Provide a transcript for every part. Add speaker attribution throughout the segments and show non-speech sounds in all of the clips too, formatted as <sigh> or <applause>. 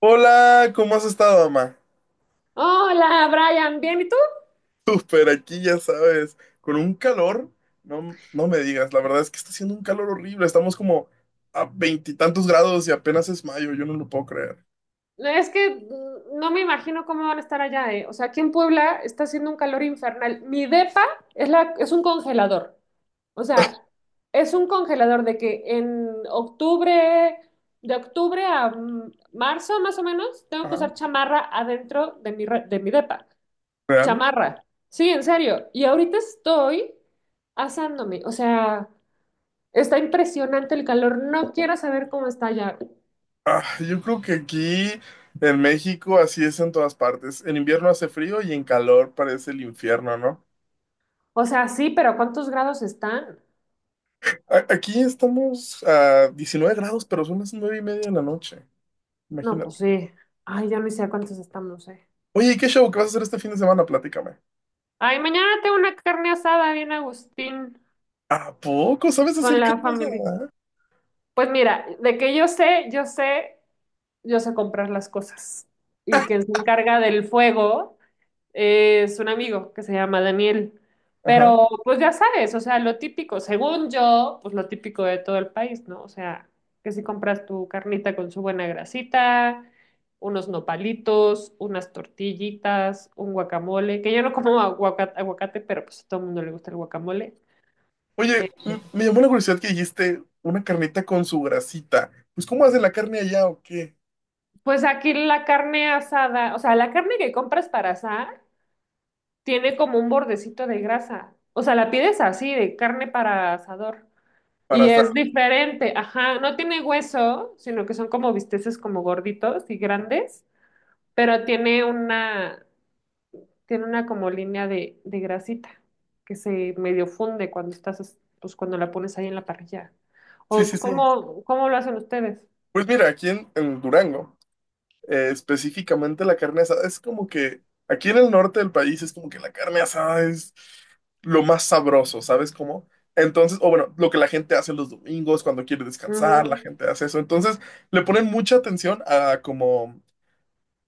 Speaker 1: Hola, ¿cómo has estado, mamá?
Speaker 2: Hola, Brian, bien, ¿y tú?
Speaker 1: Súper, aquí ya sabes, con un calor, no, no me digas, la verdad es que está haciendo un calor horrible, estamos como a veintitantos grados y apenas es mayo, yo no lo puedo creer.
Speaker 2: Es que no me imagino cómo van a estar allá, ¿eh? O sea, aquí en Puebla está haciendo un calor infernal. Mi depa es un congelador. O sea, es un congelador de que en octubre, de octubre a marzo más o menos, tengo que
Speaker 1: Ajá,
Speaker 2: usar chamarra adentro de de mi depa.
Speaker 1: ¿real?
Speaker 2: Chamarra. Sí, en serio. Y ahorita estoy asándome. O sea, está impresionante el calor. No quiero saber cómo está allá.
Speaker 1: Ah, yo creo que aquí en México así es en todas partes, en invierno hace frío y en calor parece el infierno, ¿no?
Speaker 2: O sea, sí, pero ¿cuántos grados están?
Speaker 1: Aquí estamos a 19 grados, pero son las 9:30 de la noche,
Speaker 2: No, pues
Speaker 1: imagínate.
Speaker 2: sí. Ay, ya no sé a cuántos estamos, eh.
Speaker 1: Oye, ¿y qué show que vas a hacer este fin de semana? Platícame.
Speaker 2: Ay, mañana tengo una carne asada bien Agustín
Speaker 1: ¿A poco sabes
Speaker 2: con
Speaker 1: hacer
Speaker 2: la
Speaker 1: carne
Speaker 2: familia.
Speaker 1: asada?
Speaker 2: Pues mira, de que yo sé, yo sé, yo sé comprar las cosas. Y quien se encarga del fuego es un amigo que se llama Daniel.
Speaker 1: Ajá.
Speaker 2: Pero pues ya sabes, o sea, lo típico, según yo, pues lo típico de todo el país, ¿no? O sea, que si compras tu carnita con su buena grasita, unos nopalitos, unas tortillitas, un guacamole, que yo no como aguacate, pero pues a todo el mundo le gusta el guacamole. Eh,
Speaker 1: Oye, me llamó la curiosidad que dijiste una carnita con su grasita. Pues, ¿cómo hacen la carne allá o qué?
Speaker 2: pues aquí la carne asada, o sea, la carne que compras para asar tiene como un bordecito de grasa. O sea, la pides así, de carne para asador.
Speaker 1: Para
Speaker 2: Y
Speaker 1: asar.
Speaker 2: es diferente, ajá, no tiene hueso, sino que son como bisteces como gorditos y grandes, pero tiene una como línea de grasita que se medio funde cuando pues cuando la pones ahí en la parrilla.
Speaker 1: Sí, sí,
Speaker 2: ¿O
Speaker 1: sí.
Speaker 2: cómo lo hacen ustedes?
Speaker 1: Pues mira, aquí en Durango, específicamente la carne asada es como que, aquí en el norte del país es como que la carne asada es lo más sabroso, ¿sabes cómo? Entonces, o bueno, lo que la gente hace los domingos cuando quiere descansar, la
Speaker 2: Ujú.
Speaker 1: gente hace eso. Entonces, le ponen mucha atención a como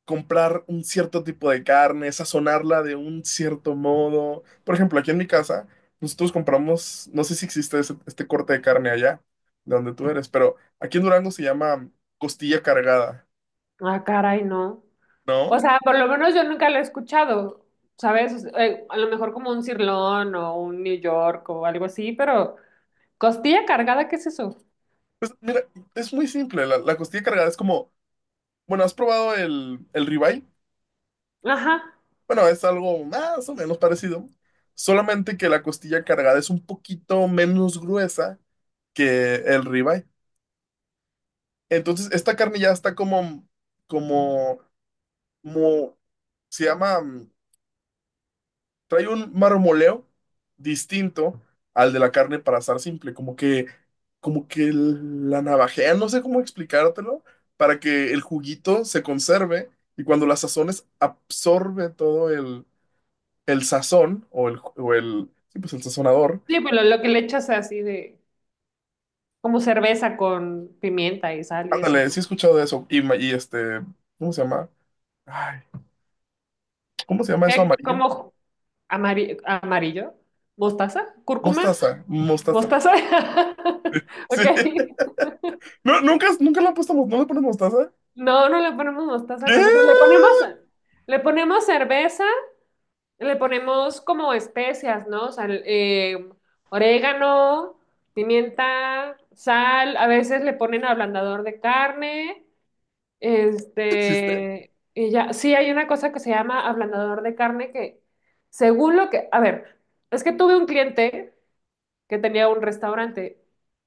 Speaker 1: comprar un cierto tipo de carne, sazonarla de un cierto modo. Por ejemplo, aquí en mi casa, nosotros compramos, no sé si existe este corte de carne allá, de donde tú eres, pero aquí en Durango se llama costilla cargada,
Speaker 2: Ah, caray, no. O
Speaker 1: ¿no?
Speaker 2: sea, por lo menos yo nunca lo he escuchado, ¿sabes? O sea, a lo mejor como un cirlón o un New York o algo así, pero costilla cargada, ¿qué es eso?
Speaker 1: Pues mira, es muy simple, la costilla cargada es como, bueno, ¿has probado el ribeye?
Speaker 2: Ajá.
Speaker 1: Bueno, es algo más o menos parecido, solamente que la costilla cargada es un poquito menos gruesa que el ribeye. Entonces, esta carne ya está como como mo- se llama, mm, trae un marmoleo distinto al de la carne para asar simple, como que la navajean, no sé cómo explicártelo, para que el juguito se conserve y cuando la sazones absorbe todo el sazón o el, sí, pues el sazonador.
Speaker 2: Sí, pero lo que le echas así de, como cerveza con pimienta y sal y eso,
Speaker 1: Ándale,
Speaker 2: ¿no?
Speaker 1: sí he escuchado de eso. Y, y este, ¿cómo se llama? Ay, ¿cómo se llama eso
Speaker 2: ¿Qué?
Speaker 1: amarillo?
Speaker 2: ¿Cómo? Amarillo, mostaza, cúrcuma,
Speaker 1: Mostaza, mostaza.
Speaker 2: mostaza. <laughs>
Speaker 1: Sí.
Speaker 2: Ok.
Speaker 1: <laughs> No, nunca, nunca le han puesto, no le ponen mostaza.
Speaker 2: No, no le ponemos mostaza,
Speaker 1: ¿Qué?
Speaker 2: nosotros le ponemos cerveza, le ponemos como especias, ¿no? O sea, orégano, pimienta, sal, a veces le ponen ablandador de carne.
Speaker 1: ¿Existe?
Speaker 2: Este, y ya, sí hay una cosa que se llama ablandador de carne que, según lo que, a ver, es que tuve un cliente que tenía un restaurante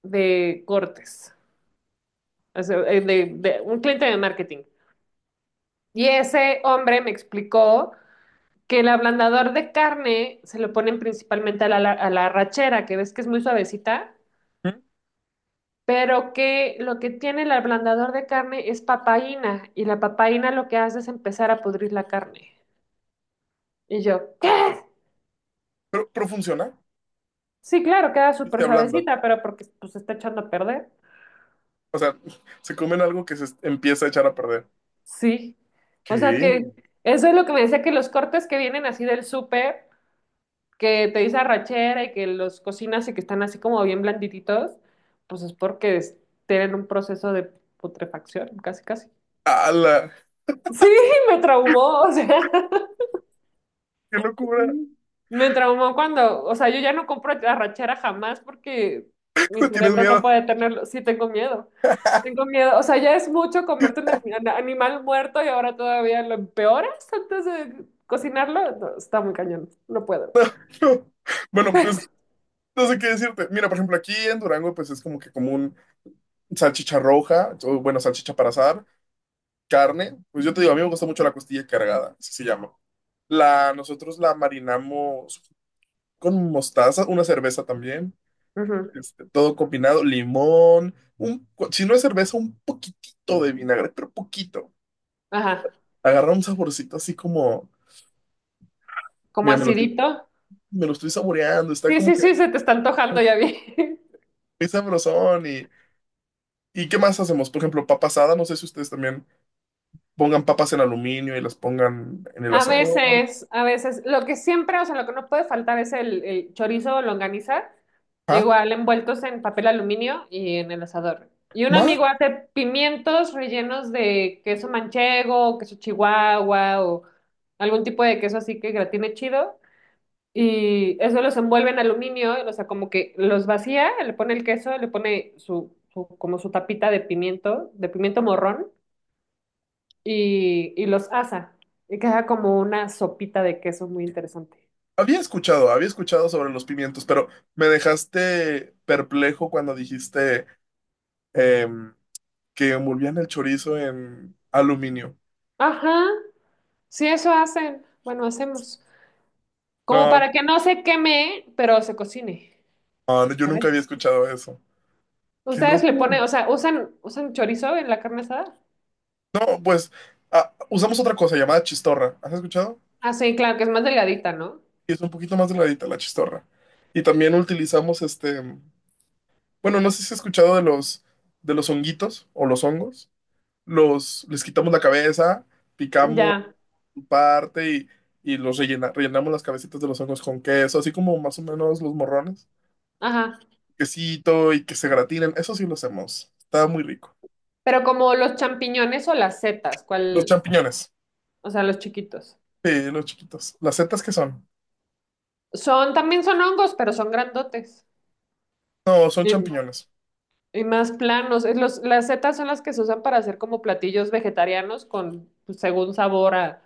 Speaker 2: de cortes, o sea, de, un cliente de marketing. Y ese hombre me explicó que el ablandador de carne se lo ponen principalmente a a la arrachera, que ves que es muy suavecita,
Speaker 1: ¿Mm?
Speaker 2: pero que lo que tiene el ablandador de carne es papaína, y la papaína lo que hace es empezar a pudrir la carne. Y yo, ¿qué?
Speaker 1: Pero funciona
Speaker 2: Sí, claro, queda
Speaker 1: y se
Speaker 2: súper
Speaker 1: ablanda.
Speaker 2: suavecita, pero porque pues se está echando a perder.
Speaker 1: O sea, <laughs> se comen algo que empieza a echar a perder.
Speaker 2: Sí. O sea
Speaker 1: ¿Qué?
Speaker 2: que eso es lo que me decía que los cortes que vienen así del súper, que te dice arrachera y que los cocinas y que están así como bien blandititos, pues es tienen un proceso de putrefacción, casi casi.
Speaker 1: ¡Hala!
Speaker 2: Sí, <laughs> me traumó, o sea.
Speaker 1: ¡Qué locura!
Speaker 2: Mm. Me traumó cuando, o sea, yo ya no compro arrachera jamás porque mi
Speaker 1: <laughs> ¿Tienes
Speaker 2: cerebro no
Speaker 1: miedo? <laughs>
Speaker 2: puede tenerlo. Sí, tengo miedo. Tengo miedo. O sea, ya es mucho comerte un animal muerto y ahora todavía lo empeoras antes de cocinarlo. No, está muy cañón. No puedo.
Speaker 1: No. Bueno, pues no sé qué decirte. Mira, por ejemplo, aquí en Durango, pues es como que común salchicha roja, o bueno, salchicha para asar, carne. Pues yo te digo, a mí me gusta mucho la costilla cargada, así se llama. La, nosotros la marinamos con mostaza, una cerveza también.
Speaker 2: Ujú.
Speaker 1: Este, todo combinado, limón, un, si no es cerveza, un poquitito de vinagre, pero poquito.
Speaker 2: Ajá.
Speaker 1: Agarra un saborcito así como,
Speaker 2: Como
Speaker 1: mira,
Speaker 2: acidito.
Speaker 1: me lo estoy saboreando, está
Speaker 2: Sí,
Speaker 1: como
Speaker 2: sí,
Speaker 1: que
Speaker 2: sí, se te está antojando, ya vi.
Speaker 1: es sabrosón. Y, ¿y qué más hacemos? Por ejemplo, papa asada, no sé si ustedes también pongan papas en aluminio y las pongan en el asador.
Speaker 2: A veces, lo que siempre, o sea, lo que no puede faltar es el chorizo o longaniza,
Speaker 1: ¿Ah?
Speaker 2: igual envueltos en papel aluminio y en el asador. Y un
Speaker 1: ¿Ma?
Speaker 2: amigo hace pimientos rellenos de queso manchego, queso chihuahua o algún tipo de queso así que gratine chido. Y eso los envuelve en aluminio, o sea, como que los vacía, le pone el queso, le pone su como su tapita de pimiento morrón y los asa. Y queda como una sopita de queso muy interesante.
Speaker 1: Había escuchado sobre los pimientos, pero me dejaste perplejo cuando dijiste em, que envolvían el chorizo en aluminio.
Speaker 2: Ajá, sí, eso hacen. Bueno, hacemos. Como
Speaker 1: No,
Speaker 2: para que no se queme, pero se cocine.
Speaker 1: ah, no, yo nunca
Speaker 2: Saben
Speaker 1: había escuchado eso. ¡Qué
Speaker 2: Ustedes le
Speaker 1: loco!
Speaker 2: ponen, o sea, usan chorizo en la carne asada.
Speaker 1: No, pues ah, usamos otra cosa llamada chistorra. ¿Has escuchado?
Speaker 2: Ah, sí, claro, que es más delgadita, ¿no?
Speaker 1: Y es un poquito más delgadita la chistorra. Y también utilizamos este. Bueno, no sé si has escuchado de los honguitos o los hongos. Los, les quitamos la cabeza, picamos
Speaker 2: Ya,
Speaker 1: su parte y los rellenamos las cabecitas de los hongos con queso, así como más o menos los morrones.
Speaker 2: ajá.
Speaker 1: Quesito y que se gratinen. Eso sí lo hacemos. Está muy rico.
Speaker 2: Pero como los champiñones o las setas,
Speaker 1: Los
Speaker 2: ¿cuál?
Speaker 1: champiñones.
Speaker 2: O sea, los chiquitos.
Speaker 1: Sí, los chiquitos. ¿Las setas qué son?
Speaker 2: Son, también son hongos, pero son grandotes.
Speaker 1: No, son
Speaker 2: Eh,
Speaker 1: champiñones.
Speaker 2: Y más planos. Es las setas son las que se usan para hacer como platillos vegetarianos con, pues, según sabor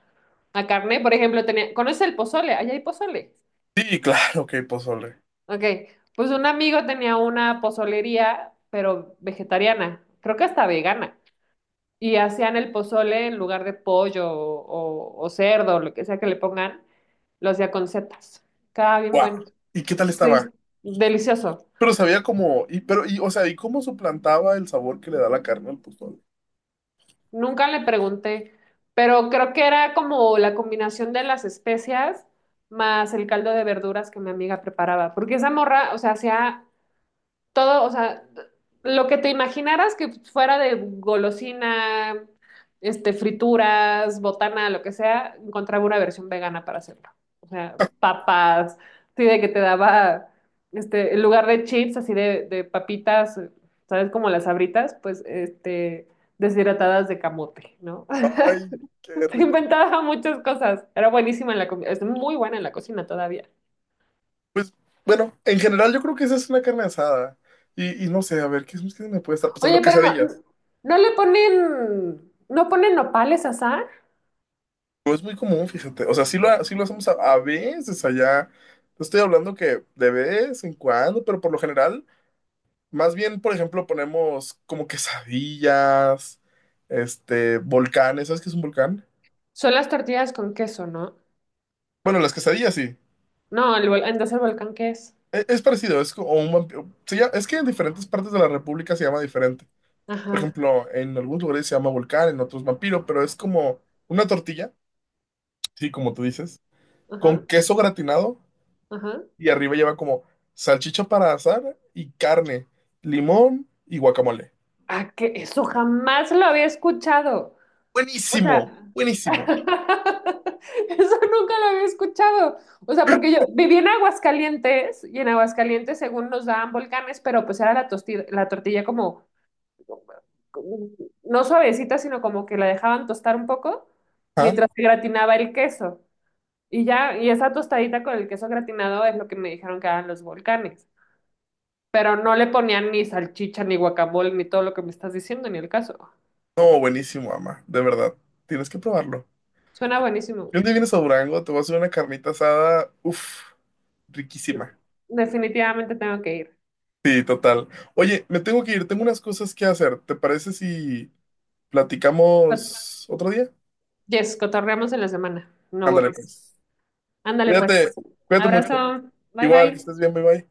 Speaker 2: a carne. Por ejemplo, tenía, ¿conoces el pozole? Allá hay pozole.
Speaker 1: Sí, claro que pozole.
Speaker 2: Ok. Pues un amigo tenía una pozolería, pero vegetariana. Creo que hasta vegana. Y hacían el pozole en lugar de pollo o cerdo, lo que sea que le pongan, lo hacía con setas. Estaba bien
Speaker 1: ¡Wow!
Speaker 2: bueno.
Speaker 1: ¿Y qué tal estaba?
Speaker 2: Sí. Delicioso.
Speaker 1: Pero sabía como, y pero, y, o sea, ¿y cómo suplantaba el sabor que le da la carne al pozole?
Speaker 2: Nunca le pregunté, pero creo que era como la combinación de las especias más el caldo de verduras que mi amiga preparaba, porque esa morra, o sea, hacía todo, o sea, lo que te imaginaras que fuera de golosina, este, frituras, botana, lo que sea, encontraba una versión vegana para hacerlo. O sea, papas, así de que te daba, este, en lugar de chips, así de papitas, ¿sabes? Como las Sabritas, pues, este, deshidratadas de camote, ¿no? <laughs>
Speaker 1: Ay, qué
Speaker 2: Se
Speaker 1: rico.
Speaker 2: inventaba muchas cosas. Era buenísima en la comida, es muy buena en la cocina todavía.
Speaker 1: Pues, bueno, en general yo creo que esa es una carne asada. Y no sé, a ver, ¿qué, qué me puede estar pasando?
Speaker 2: Oye, pero no,
Speaker 1: Quesadillas.
Speaker 2: no le ponen, no ponen nopales a asar.
Speaker 1: No es muy común, fíjate. O sea, sí lo hacemos a veces allá. No, estoy hablando que de vez en cuando, pero por lo general, más bien, por ejemplo, ponemos como quesadillas, este, volcanes. ¿Sabes qué es un volcán?
Speaker 2: Son las tortillas con queso, ¿no?
Speaker 1: Bueno, las quesadillas sí.
Speaker 2: No, entonces el volcán qué es.
Speaker 1: Es parecido, es como un vampiro. Es que en diferentes partes de la República se llama diferente. Por
Speaker 2: Ajá,
Speaker 1: ejemplo, en algunos lugares se llama volcán, en otros vampiro, pero es como una tortilla, sí, como tú dices,
Speaker 2: ajá,
Speaker 1: con queso gratinado
Speaker 2: ajá.
Speaker 1: y arriba lleva como salchicha para asar y carne, limón y guacamole.
Speaker 2: Ah, que eso jamás lo había escuchado. O sea,
Speaker 1: Buenísimo,
Speaker 2: <laughs>
Speaker 1: buenísimo.
Speaker 2: eso nunca lo había escuchado. O sea, porque yo viví en Aguascalientes y en Aguascalientes, según nos daban volcanes, pero pues era la tortilla como no suavecita, sino como que la dejaban tostar un poco mientras se gratinaba el queso. Y ya, y esa tostadita con el queso gratinado es lo que me dijeron que eran los volcanes. Pero no le ponían ni salchicha, ni guacamole, ni todo lo que me estás diciendo, ni el caso.
Speaker 1: No, buenísimo, ama, de verdad. Tienes que probarlo.
Speaker 2: Suena buenísimo.
Speaker 1: Y un día vienes a Durango, te voy a hacer una carnita asada, uff, riquísima.
Speaker 2: Definitivamente tengo que ir.
Speaker 1: Sí, total. Oye, me tengo que ir, tengo unas cosas que hacer. ¿Te parece si
Speaker 2: Cot-
Speaker 1: platicamos otro día?
Speaker 2: Yes, cotorreamos en la semana. No
Speaker 1: Ándale,
Speaker 2: worries.
Speaker 1: pues.
Speaker 2: Ándale pues.
Speaker 1: Cuídate, cuídate mucho.
Speaker 2: Abrazo. Bye
Speaker 1: Igual, que
Speaker 2: bye.
Speaker 1: estés bien, bye bye.